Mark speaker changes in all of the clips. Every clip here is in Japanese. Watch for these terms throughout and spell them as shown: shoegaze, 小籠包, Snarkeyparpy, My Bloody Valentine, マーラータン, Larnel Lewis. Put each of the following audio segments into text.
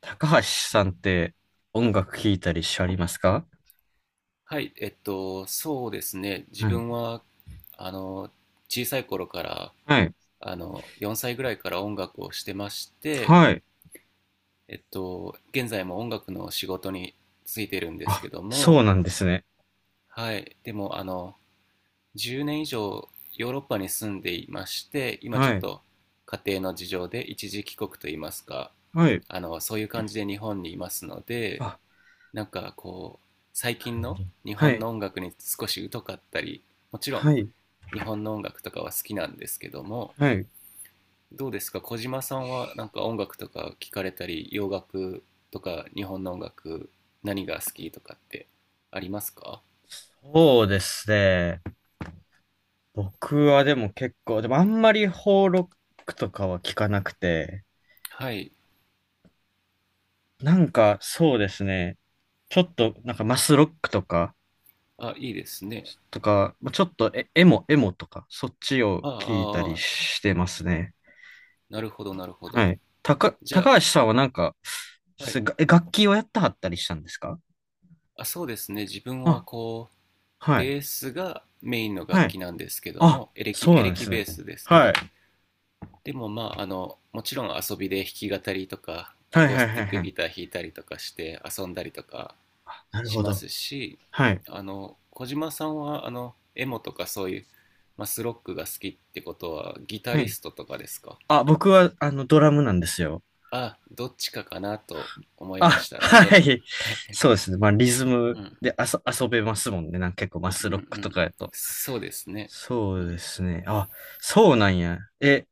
Speaker 1: 高橋さんって音楽聴いたりしありますか？
Speaker 2: はい、そうですね。自
Speaker 1: はい。
Speaker 2: 分は、あの、小さい頃から、
Speaker 1: はい。
Speaker 2: 4歳ぐらいから音楽をしてまして、
Speaker 1: はい。
Speaker 2: 現在も音楽の仕事に就いてるんです
Speaker 1: あ、
Speaker 2: けど
Speaker 1: そう
Speaker 2: も、
Speaker 1: なんですね。
Speaker 2: はい、でも、10年以上ヨーロッパに住んでいまして、今ち
Speaker 1: は
Speaker 2: ょっ
Speaker 1: い。
Speaker 2: と家庭の事情で一時帰国といいますか、
Speaker 1: はい。
Speaker 2: そういう感じで日本にいますので、
Speaker 1: あ、
Speaker 2: なんかこう最
Speaker 1: な
Speaker 2: 近
Speaker 1: るほ
Speaker 2: の
Speaker 1: ど。
Speaker 2: 日
Speaker 1: は
Speaker 2: 本
Speaker 1: い。
Speaker 2: の音楽に少し疎かったり、もちろん
Speaker 1: はい。
Speaker 2: 日本の音楽とかは好きなんですけども、
Speaker 1: はい。
Speaker 2: どうですか、小島さんは、なんか音楽とか聞かれたり、洋楽とか日本の音楽、何が好きとかってありますか？
Speaker 1: そうですね。僕はでも結構、でもあんまり邦ロックとかは聞かなくて、
Speaker 2: はい。
Speaker 1: なんかそうですね。ちょっとなんかマスロックとか、
Speaker 2: あ、いいですね。
Speaker 1: まあちょっとエモとか、そっちを
Speaker 2: あ
Speaker 1: 聞いたり
Speaker 2: あ、ああ、
Speaker 1: してますね。
Speaker 2: なるほど、なるほど。
Speaker 1: はい。
Speaker 2: じゃ
Speaker 1: 高橋さんはなんか、
Speaker 2: あ、は
Speaker 1: す
Speaker 2: い、
Speaker 1: がえ楽器をやったはったりしたんですか？
Speaker 2: あ、そうですね。自分は
Speaker 1: あ、
Speaker 2: こう、
Speaker 1: はい。
Speaker 2: ベースがメインの
Speaker 1: は
Speaker 2: 楽
Speaker 1: い。
Speaker 2: 器なんですけど
Speaker 1: あ、
Speaker 2: も、エレキ
Speaker 1: そう
Speaker 2: エ
Speaker 1: な
Speaker 2: レ
Speaker 1: んで
Speaker 2: キ
Speaker 1: す
Speaker 2: ベ
Speaker 1: ね。
Speaker 2: ースですけ
Speaker 1: はい。
Speaker 2: ど、でもまあ、もちろん遊びで弾き語りとか、ア
Speaker 1: はい
Speaker 2: コー
Speaker 1: は
Speaker 2: ス
Speaker 1: いは
Speaker 2: テ
Speaker 1: い
Speaker 2: ィック
Speaker 1: はい。
Speaker 2: ギター弾いたりとかして遊んだりとか
Speaker 1: なる
Speaker 2: し
Speaker 1: ほ
Speaker 2: ま
Speaker 1: ど。
Speaker 2: すし、
Speaker 1: はい。
Speaker 2: 小島さんは、エモとかそういうマスロックが好きってことは、ギタ
Speaker 1: は
Speaker 2: リ
Speaker 1: い。
Speaker 2: ストとかですか？
Speaker 1: あ、僕は、あの、ドラムなんですよ。
Speaker 2: あ、どっちかかなと思いま
Speaker 1: あ、
Speaker 2: した、なんと
Speaker 1: は
Speaker 2: なく。
Speaker 1: い。
Speaker 2: はい。
Speaker 1: そうですね。まあ、リズ
Speaker 2: う
Speaker 1: ム
Speaker 2: ん、
Speaker 1: で遊べますもんね。なんか結構マ
Speaker 2: う
Speaker 1: ス
Speaker 2: ん、
Speaker 1: ロ
Speaker 2: う
Speaker 1: ックと
Speaker 2: ん。
Speaker 1: かやと。
Speaker 2: そうですね。
Speaker 1: そ
Speaker 2: う
Speaker 1: うで
Speaker 2: ん。
Speaker 1: すね。あ、そうなんや。え、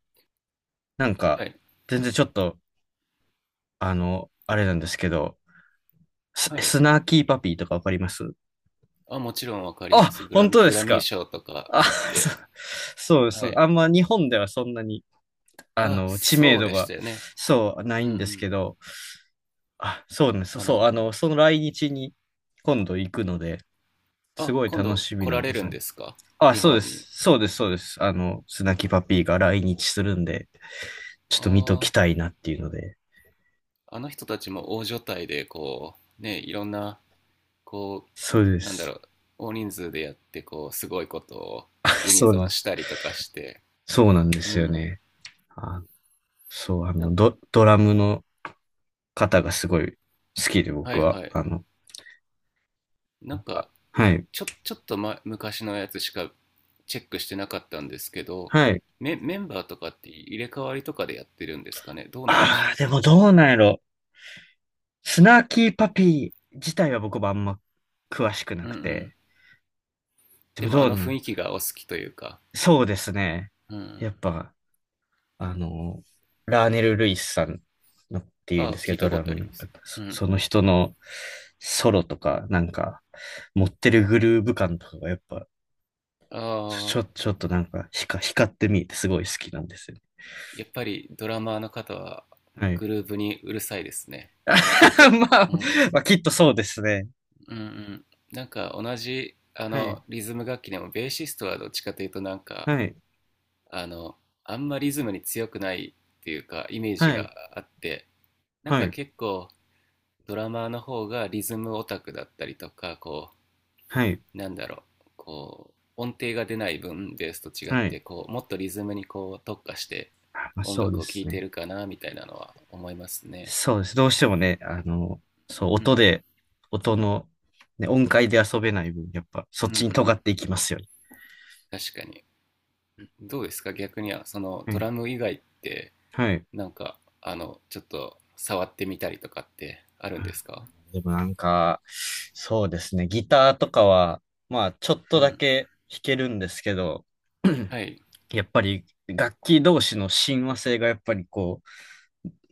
Speaker 1: なんか、
Speaker 2: はい、
Speaker 1: 全然ちょっと、あの、あれなんですけど、
Speaker 2: はい。
Speaker 1: スナーキーパピーとかわかります？
Speaker 2: あ、もちろんわかります。
Speaker 1: あ、本当で
Speaker 2: グラ
Speaker 1: す
Speaker 2: ミー
Speaker 1: か。
Speaker 2: 賞とか
Speaker 1: あ、
Speaker 2: 取っ
Speaker 1: そ、
Speaker 2: て。
Speaker 1: そう
Speaker 2: は
Speaker 1: そう。
Speaker 2: い。
Speaker 1: あんま日本ではそんなに、あ
Speaker 2: あ、
Speaker 1: の、知名
Speaker 2: そう
Speaker 1: 度
Speaker 2: でし
Speaker 1: が、
Speaker 2: たよね。
Speaker 1: そう、な
Speaker 2: うん、
Speaker 1: い
Speaker 2: う
Speaker 1: んですけ
Speaker 2: ん。
Speaker 1: ど、あ、そうね、そう、
Speaker 2: あ
Speaker 1: そう
Speaker 2: の、
Speaker 1: あの、その来日に今度行くので、す
Speaker 2: あ、
Speaker 1: ごい
Speaker 2: 今
Speaker 1: 楽
Speaker 2: 度
Speaker 1: しみ
Speaker 2: 来
Speaker 1: な
Speaker 2: ら
Speaker 1: ん
Speaker 2: れ
Speaker 1: で
Speaker 2: る
Speaker 1: す
Speaker 2: ん
Speaker 1: ね。
Speaker 2: ですか？
Speaker 1: あ、
Speaker 2: 日
Speaker 1: そうで
Speaker 2: 本に。
Speaker 1: す。そうです、そうです。あの、スナキパピーが来日するんで、ちょっと見とき
Speaker 2: あ
Speaker 1: たいなっていうので、
Speaker 2: あ、あの人たちも大所帯で、こう、ね、いろんな、こう、
Speaker 1: そうで
Speaker 2: なんだろ
Speaker 1: す。
Speaker 2: う、大人数でやって、こう、すごいことを
Speaker 1: あ、
Speaker 2: ユニ
Speaker 1: そう
Speaker 2: ゾ
Speaker 1: で
Speaker 2: ンし
Speaker 1: す。
Speaker 2: たりとかして、
Speaker 1: そうなんで
Speaker 2: う
Speaker 1: すよ
Speaker 2: ん。
Speaker 1: ね。あ、そう、あ
Speaker 2: な
Speaker 1: の、ドラムの方がすごい好きで、
Speaker 2: は
Speaker 1: 僕
Speaker 2: い、
Speaker 1: は、
Speaker 2: はい。
Speaker 1: あの、
Speaker 2: なんか、
Speaker 1: は
Speaker 2: む、
Speaker 1: い。
Speaker 2: ちょ、ちょっと、昔のやつしかチェックしてなかったんですけど、
Speaker 1: はい。
Speaker 2: メンバーとかって入れ替わりとかでやってるんですかね、どうなんでし
Speaker 1: ああ、
Speaker 2: ょ
Speaker 1: でもどうなんやろ。スナーキーパピー自体は僕もあんま詳しくな
Speaker 2: う？う
Speaker 1: く
Speaker 2: ん、うん。
Speaker 1: て。で
Speaker 2: で
Speaker 1: も
Speaker 2: も
Speaker 1: ど
Speaker 2: あ
Speaker 1: うな
Speaker 2: の雰
Speaker 1: ん。
Speaker 2: 囲気がお好きというか、
Speaker 1: そうですね。
Speaker 2: う
Speaker 1: やっ
Speaker 2: ん。
Speaker 1: ぱ、あの、ラーネル・ルイスさんのって
Speaker 2: あ
Speaker 1: いうん
Speaker 2: あ、
Speaker 1: ですけ
Speaker 2: 聞いた
Speaker 1: ど、ド
Speaker 2: こ
Speaker 1: ラ
Speaker 2: とあ
Speaker 1: ム
Speaker 2: り
Speaker 1: の
Speaker 2: ます。
Speaker 1: 方
Speaker 2: うん。
Speaker 1: その人のソロとか、なんか、持ってるグルーヴ感とかがやっぱ、
Speaker 2: ああ、
Speaker 1: ちょっとなんか光って見えてすごい好きなんですよね。
Speaker 2: やっぱりドラマーの方は
Speaker 1: はい。
Speaker 2: グルーブにうるさいですね、
Speaker 1: ま
Speaker 2: きっと。
Speaker 1: あ、
Speaker 2: うん。
Speaker 1: まあ、きっとそうですね。
Speaker 2: うん、うん。なんか同じ、
Speaker 1: はい。
Speaker 2: リズム楽器でも、ベーシストはどっちかというとなんか、
Speaker 1: はい。
Speaker 2: あの、あんまリズムに強くないっていうか、イメージ
Speaker 1: はい。
Speaker 2: があって、なん
Speaker 1: は
Speaker 2: か
Speaker 1: い。
Speaker 2: 結構、ドラマーの方がリズムオタクだったりとか、
Speaker 1: はい。
Speaker 2: なんだろう、こう、音程が出ない分、ベースと違っ
Speaker 1: はい。
Speaker 2: て、こう、もっとリズムにこう特化して
Speaker 1: あまあ、
Speaker 2: 音
Speaker 1: そうで
Speaker 2: 楽を聴
Speaker 1: す
Speaker 2: いて
Speaker 1: ね。
Speaker 2: るかな、みたいなのは思いますね。
Speaker 1: そうです。どうしてもね、あの、そう、
Speaker 2: うん、
Speaker 1: 音の、ね、音階で遊べない分、やっぱ、そっ
Speaker 2: うん、う
Speaker 1: ちに尖
Speaker 2: ん。
Speaker 1: っていきますよ
Speaker 2: 確かに。どうですか、逆には、そのド
Speaker 1: ね。
Speaker 2: ラム以外って、
Speaker 1: はい。はい。
Speaker 2: なんか、ちょっと触ってみたりとかってあるんですか？
Speaker 1: でもなんか、そうですね。ギターとかは、まあ、ちょっ
Speaker 2: う
Speaker 1: とだ
Speaker 2: ん。
Speaker 1: け弾けるんですけど、
Speaker 2: はい。
Speaker 1: やっぱり、楽器同士の親和性がやっぱりこ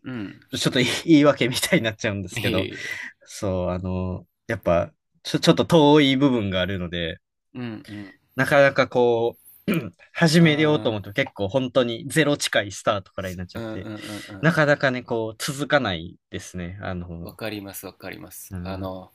Speaker 2: うん。
Speaker 1: う、ちょっと言い訳みたいになっちゃうんです
Speaker 2: い
Speaker 1: け
Speaker 2: え
Speaker 1: ど、
Speaker 2: いえ。
Speaker 1: そう、あの、やっぱ、ちょっと遠い部分があるので、
Speaker 2: うん、うん。
Speaker 1: なかなかこう、始めようと思
Speaker 2: ああ、
Speaker 1: うと結構本当にゼロ近いスタートからになっちゃ
Speaker 2: う
Speaker 1: っ
Speaker 2: ん、うん、うん、
Speaker 1: て、な
Speaker 2: う
Speaker 1: かなかね、こう、続かないですね。あ
Speaker 2: ん。わ
Speaker 1: の、
Speaker 2: かります、わかります。
Speaker 1: うん、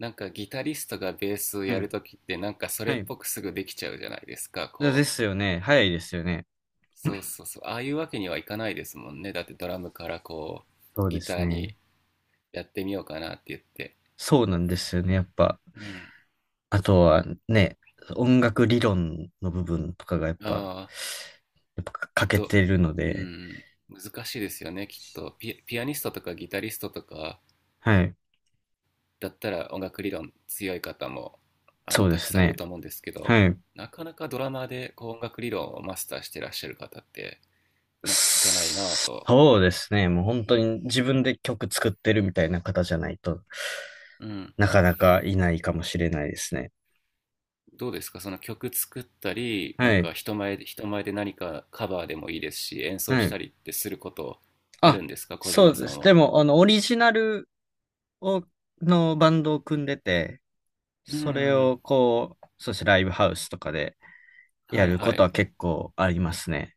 Speaker 2: なんかギタリストがベースを
Speaker 1: は
Speaker 2: や
Speaker 1: い、
Speaker 2: るときってなんかそ
Speaker 1: は
Speaker 2: れっ
Speaker 1: い。
Speaker 2: ぽくすぐできちゃうじゃないですか、
Speaker 1: で
Speaker 2: こう。
Speaker 1: すよね。早いですよね。
Speaker 2: そうそうそう。ああいうわけにはいかないですもんね。だってドラムからこ
Speaker 1: そ
Speaker 2: う、
Speaker 1: うで
Speaker 2: ギタ
Speaker 1: す
Speaker 2: ー
Speaker 1: ね。
Speaker 2: にやってみようかなって言って。
Speaker 1: そうなんですよね。やっぱ、
Speaker 2: うん。
Speaker 1: あとはね、音楽理論の部分とかがやっぱ、
Speaker 2: ああ、き
Speaker 1: 欠
Speaker 2: っ
Speaker 1: け
Speaker 2: と、
Speaker 1: てるの
Speaker 2: う
Speaker 1: で、
Speaker 2: ん、難しいですよね、きっと。ピアニストとかギタリストとか
Speaker 1: はい。
Speaker 2: だったら音楽理論強い方も、
Speaker 1: そうで
Speaker 2: たく
Speaker 1: す
Speaker 2: さんいる
Speaker 1: ね。
Speaker 2: と思うんですけど、
Speaker 1: はい。
Speaker 2: なかなかドラマーでこう音楽理論をマスターしてらっしゃる方って、なんか聞かないなぁと。
Speaker 1: そうですね。もう本
Speaker 2: う
Speaker 1: 当
Speaker 2: ん。
Speaker 1: に自分で曲作ってるみたいな方じゃないと
Speaker 2: うん。
Speaker 1: なかなかいないかもしれないですね。
Speaker 2: どうですか、その曲作ったり、なん
Speaker 1: はい。
Speaker 2: か、人前で何かカバーでもいいですし、演奏
Speaker 1: は
Speaker 2: した
Speaker 1: い。
Speaker 2: りってすることあ
Speaker 1: あ、
Speaker 2: るんですか、小
Speaker 1: そ
Speaker 2: 島
Speaker 1: うで
Speaker 2: さ
Speaker 1: す。
Speaker 2: ん
Speaker 1: で
Speaker 2: は？
Speaker 1: も、あの、オリジナルを、のバンドを組んでて、
Speaker 2: う
Speaker 1: それ
Speaker 2: ん、
Speaker 1: をこう、そしてライブハウスとかで
Speaker 2: は
Speaker 1: や
Speaker 2: い、
Speaker 1: るこ
Speaker 2: は
Speaker 1: とは
Speaker 2: い。
Speaker 1: 結構ありますね。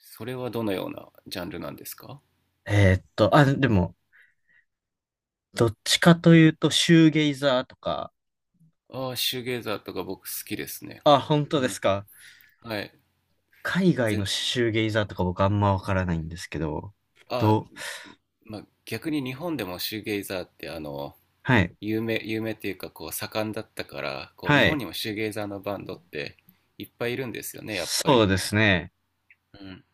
Speaker 2: それはどのようなジャンルなんですか？
Speaker 1: あ、でも、どっちかというと、シューゲイザーとか、
Speaker 2: ああ、シューゲイザーとか僕好きですね。
Speaker 1: あ、本当
Speaker 2: う
Speaker 1: で
Speaker 2: ん。
Speaker 1: すか。
Speaker 2: はい。
Speaker 1: 海外
Speaker 2: ぜ
Speaker 1: の
Speaker 2: ん
Speaker 1: シューゲイザーとか僕あんまわからないんですけど、
Speaker 2: あ、
Speaker 1: どう、
Speaker 2: まあ、逆に日本でもシューゲイザーって、あの、
Speaker 1: はい、
Speaker 2: 有名っていうかこう盛んだったから、こう日
Speaker 1: は
Speaker 2: 本
Speaker 1: い、
Speaker 2: にもシューゲイザーのバンドっていっぱいいるんですよね、やっぱ
Speaker 1: そう
Speaker 2: り。
Speaker 1: ですね、
Speaker 2: うん。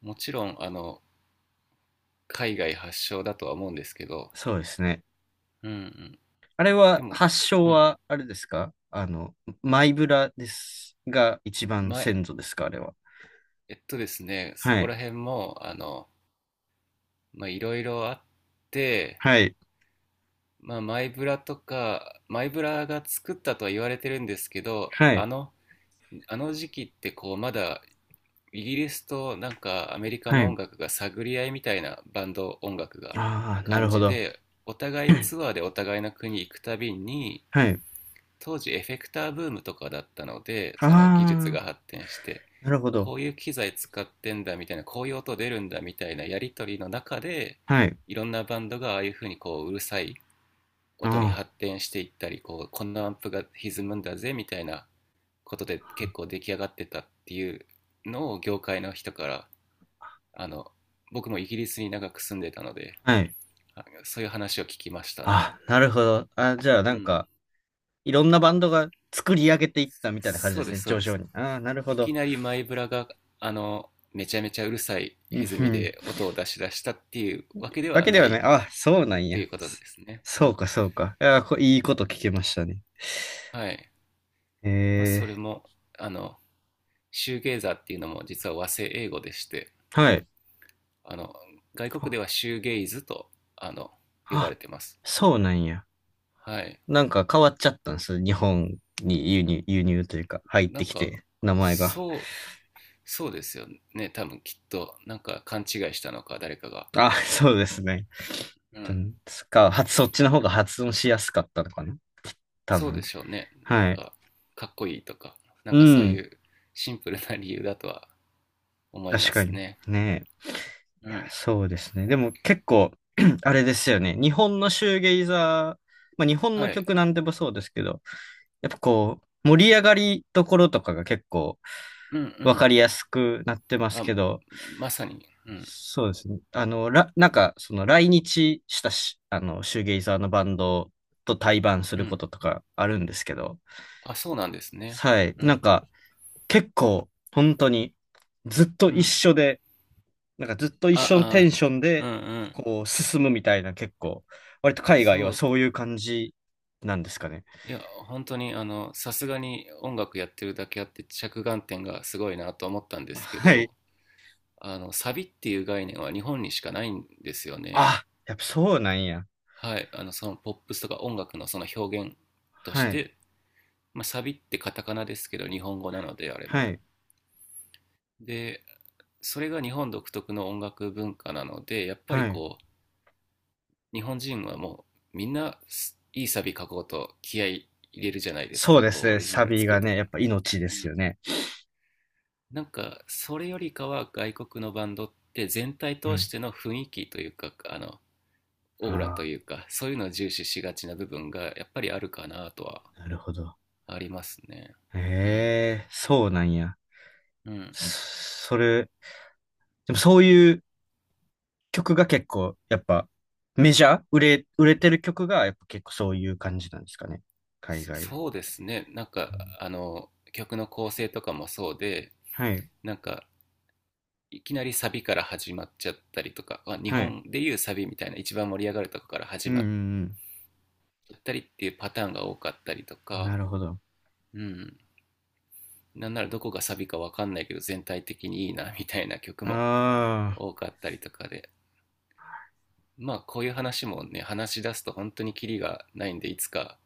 Speaker 2: もちろん、海外発祥だとは思うんですけど、
Speaker 1: そうですね。
Speaker 2: うん、うん、
Speaker 1: あれ
Speaker 2: で
Speaker 1: は、
Speaker 2: も、
Speaker 1: 発祥
Speaker 2: うん、
Speaker 1: は、あれですか、あの、マイブラですが、一番
Speaker 2: ま
Speaker 1: 先祖ですかあれは？
Speaker 2: えっとですね、そ
Speaker 1: は
Speaker 2: こ
Speaker 1: い、
Speaker 2: ら辺も、まあ、いろいろあって、
Speaker 1: はい、
Speaker 2: まあ、マイブラとか、マイブラが作ったとは言われてるんですけど、
Speaker 1: はい、
Speaker 2: あの時期ってこう、まだイギリスとなんかアメリカ
Speaker 1: は
Speaker 2: の音
Speaker 1: い。
Speaker 2: 楽が探り合いみたいなバンド音楽が
Speaker 1: ああ、なる
Speaker 2: 感
Speaker 1: ほ
Speaker 2: じ
Speaker 1: ど。
Speaker 2: で、お互いツアーでお互いの国行くたびに、
Speaker 1: はい。
Speaker 2: 当時エフェクターブームとかだったので
Speaker 1: あ
Speaker 2: その技術が
Speaker 1: あ、
Speaker 2: 発展して、
Speaker 1: なるほ
Speaker 2: こ
Speaker 1: ど。
Speaker 2: ういう機材使ってんだみたいな、こういう音出るんだみたいなやり取りの中で、
Speaker 1: はい。
Speaker 2: いろんなバンドがああいうふうにこううるさい音に
Speaker 1: あ
Speaker 2: 発展していったり、こうこんなアンプが歪むんだぜみたいなことで結構出来上がってたっていうのを、業界の人から、あの僕もイギリスに長く住んでたので、
Speaker 1: あ、はい。
Speaker 2: そういう話を聞きましたね。
Speaker 1: ああ、なるほど。あ、じゃあ、
Speaker 2: う
Speaker 1: なん
Speaker 2: ん、
Speaker 1: か、いろんなバンドが作り上げていったみたいな感じ
Speaker 2: そ
Speaker 1: で
Speaker 2: う
Speaker 1: す
Speaker 2: で
Speaker 1: ね、
Speaker 2: す、そう
Speaker 1: 上
Speaker 2: で
Speaker 1: 昇
Speaker 2: す。
Speaker 1: に。ああ、なるほ
Speaker 2: いき
Speaker 1: ど。
Speaker 2: なりマイブラが、めちゃめちゃうるさい
Speaker 1: うん
Speaker 2: 歪
Speaker 1: ふ
Speaker 2: み
Speaker 1: ん。
Speaker 2: で音を出し出したっていうわけで
Speaker 1: わ
Speaker 2: は
Speaker 1: けで
Speaker 2: な
Speaker 1: はね、
Speaker 2: い
Speaker 1: あ、そうな
Speaker 2: っ
Speaker 1: ん
Speaker 2: て
Speaker 1: や。
Speaker 2: いうことですね。う
Speaker 1: そ
Speaker 2: ん。
Speaker 1: うか、そうか。いや、いいこと聞けましたね。
Speaker 2: はい。まあ、それ
Speaker 1: え
Speaker 2: も、あの、シューゲイザーっていうのも実は和製英語でして、
Speaker 1: ー、はい。
Speaker 2: あの、外国
Speaker 1: あ、
Speaker 2: ではシューゲイズと、あの、呼ばれ
Speaker 1: あ
Speaker 2: てます。
Speaker 1: そうなんや。
Speaker 2: はい。
Speaker 1: なんか変わっちゃったんです。日本に輸入、輸入というか、入っ
Speaker 2: な
Speaker 1: て
Speaker 2: ん
Speaker 1: き
Speaker 2: か、
Speaker 1: て、名前が。
Speaker 2: そう、そうですよね。多分きっと、なんか勘違いしたのか、誰かが。
Speaker 1: あ、そうですね。
Speaker 2: う
Speaker 1: う
Speaker 2: ん。
Speaker 1: ん、そっか、はそっちの方が発音しやすかったのかな多
Speaker 2: そうで
Speaker 1: 分。
Speaker 2: しょうね。なん
Speaker 1: はい。
Speaker 2: か、かっこいいとか、なん
Speaker 1: う
Speaker 2: かそうい
Speaker 1: ん。
Speaker 2: うシンプルな理由だとは思いま
Speaker 1: 確か
Speaker 2: す
Speaker 1: に。
Speaker 2: ね。
Speaker 1: ねえ。
Speaker 2: う
Speaker 1: いや、
Speaker 2: ん。
Speaker 1: そうですね。でも結構、あれですよね。日本のシューゲイザー、まあ日本
Speaker 2: は
Speaker 1: の
Speaker 2: い。
Speaker 1: 曲なんでもそうですけど、やっぱこう、盛り上がりどころとかが結構
Speaker 2: うん、う
Speaker 1: わ
Speaker 2: ん。
Speaker 1: かりやすくなってます
Speaker 2: あ、
Speaker 1: けど、
Speaker 2: まさに。うん。
Speaker 1: そうですね。あの、なんか、その来日したし、あの、シューゲイザーのバンドと対バンす
Speaker 2: う
Speaker 1: るこ
Speaker 2: ん。
Speaker 1: ととかあるんですけど、
Speaker 2: あ、そうなんですね。
Speaker 1: はい。
Speaker 2: う
Speaker 1: なん
Speaker 2: ん。
Speaker 1: か、結構、本当に、ずっと
Speaker 2: う
Speaker 1: 一
Speaker 2: ん。
Speaker 1: 緒で、なんかずっと一緒のテ
Speaker 2: あ、
Speaker 1: ン
Speaker 2: あ、
Speaker 1: ション
Speaker 2: う
Speaker 1: で、
Speaker 2: ん、うん。
Speaker 1: こう、進むみたいな、結構、割と海外
Speaker 2: そ
Speaker 1: は
Speaker 2: う。
Speaker 1: そういう感じなんですかね。
Speaker 2: いや、本当に、さすがに音楽やってるだけあって着眼点がすごいなと思ったんですけ
Speaker 1: はい。
Speaker 2: ど、サビっていう概念は日本にしかないんですよね。
Speaker 1: あ、やっぱそうなんや。
Speaker 2: はい。そのポップスとか音楽のその表現とし
Speaker 1: はい。
Speaker 2: て、まあ、サビってカタカナですけど日本語なのであれ
Speaker 1: は
Speaker 2: も、
Speaker 1: い。
Speaker 2: で、それが日本独特の音楽文化なのでやっぱり
Speaker 1: はい。
Speaker 2: こう日本人はもうみんないいサビ書こうと気合い入れるじゃないです
Speaker 1: そう
Speaker 2: か、
Speaker 1: で
Speaker 2: こ
Speaker 1: す
Speaker 2: うオ
Speaker 1: ね。
Speaker 2: リジナ
Speaker 1: サ
Speaker 2: ル
Speaker 1: ビ
Speaker 2: 作
Speaker 1: が
Speaker 2: ると
Speaker 1: ね、
Speaker 2: き
Speaker 1: やっ
Speaker 2: に。
Speaker 1: ぱ命で
Speaker 2: う
Speaker 1: す
Speaker 2: ん、
Speaker 1: よね。
Speaker 2: なんかそれよりかは外国のバンドって全体
Speaker 1: う
Speaker 2: 通し
Speaker 1: ん。
Speaker 2: ての雰囲気というか、あのオーラ
Speaker 1: あ
Speaker 2: というかそういうのを重視しがちな部分がやっぱりあるかなとは
Speaker 1: あ、なるほど。
Speaker 2: ありますね。うん、
Speaker 1: ええ、そうなんや。
Speaker 2: うん、
Speaker 1: それ、でもそういう曲が結構、やっぱ、メジャー売れてる曲が、やっぱ結構そういう感じなんですかね。海外。
Speaker 2: そうですね。なんか、
Speaker 1: うん
Speaker 2: 曲の構成とかもそうで、
Speaker 1: はい。
Speaker 2: なんか、いきなりサビから始まっちゃったりとか、まあ、日
Speaker 1: はい。
Speaker 2: 本でいうサビみたいな一番盛り上がるとこから
Speaker 1: う
Speaker 2: 始
Speaker 1: んう
Speaker 2: まっ
Speaker 1: ん
Speaker 2: ちゃったりっていうパターンが多かったりと
Speaker 1: うん。な
Speaker 2: か、
Speaker 1: るほど。
Speaker 2: うん。なんならどこがサビかわかんないけど全体的にいいなみたいな曲も
Speaker 1: ああ、
Speaker 2: 多かったりとかで、まあこういう話もね、話し出すと本当にキリがないんで、いつか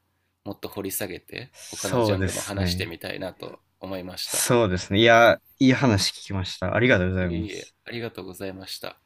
Speaker 2: もっと掘り下げて、他のジ
Speaker 1: そう
Speaker 2: ャン
Speaker 1: で
Speaker 2: ルも
Speaker 1: す
Speaker 2: 話して
Speaker 1: ね。
Speaker 2: みたいなと思いました。
Speaker 1: そうですね。いや、いい話聞きました。ありがとうござい
Speaker 2: いえ
Speaker 1: ま
Speaker 2: いえ、
Speaker 1: す。
Speaker 2: ありがとうございました。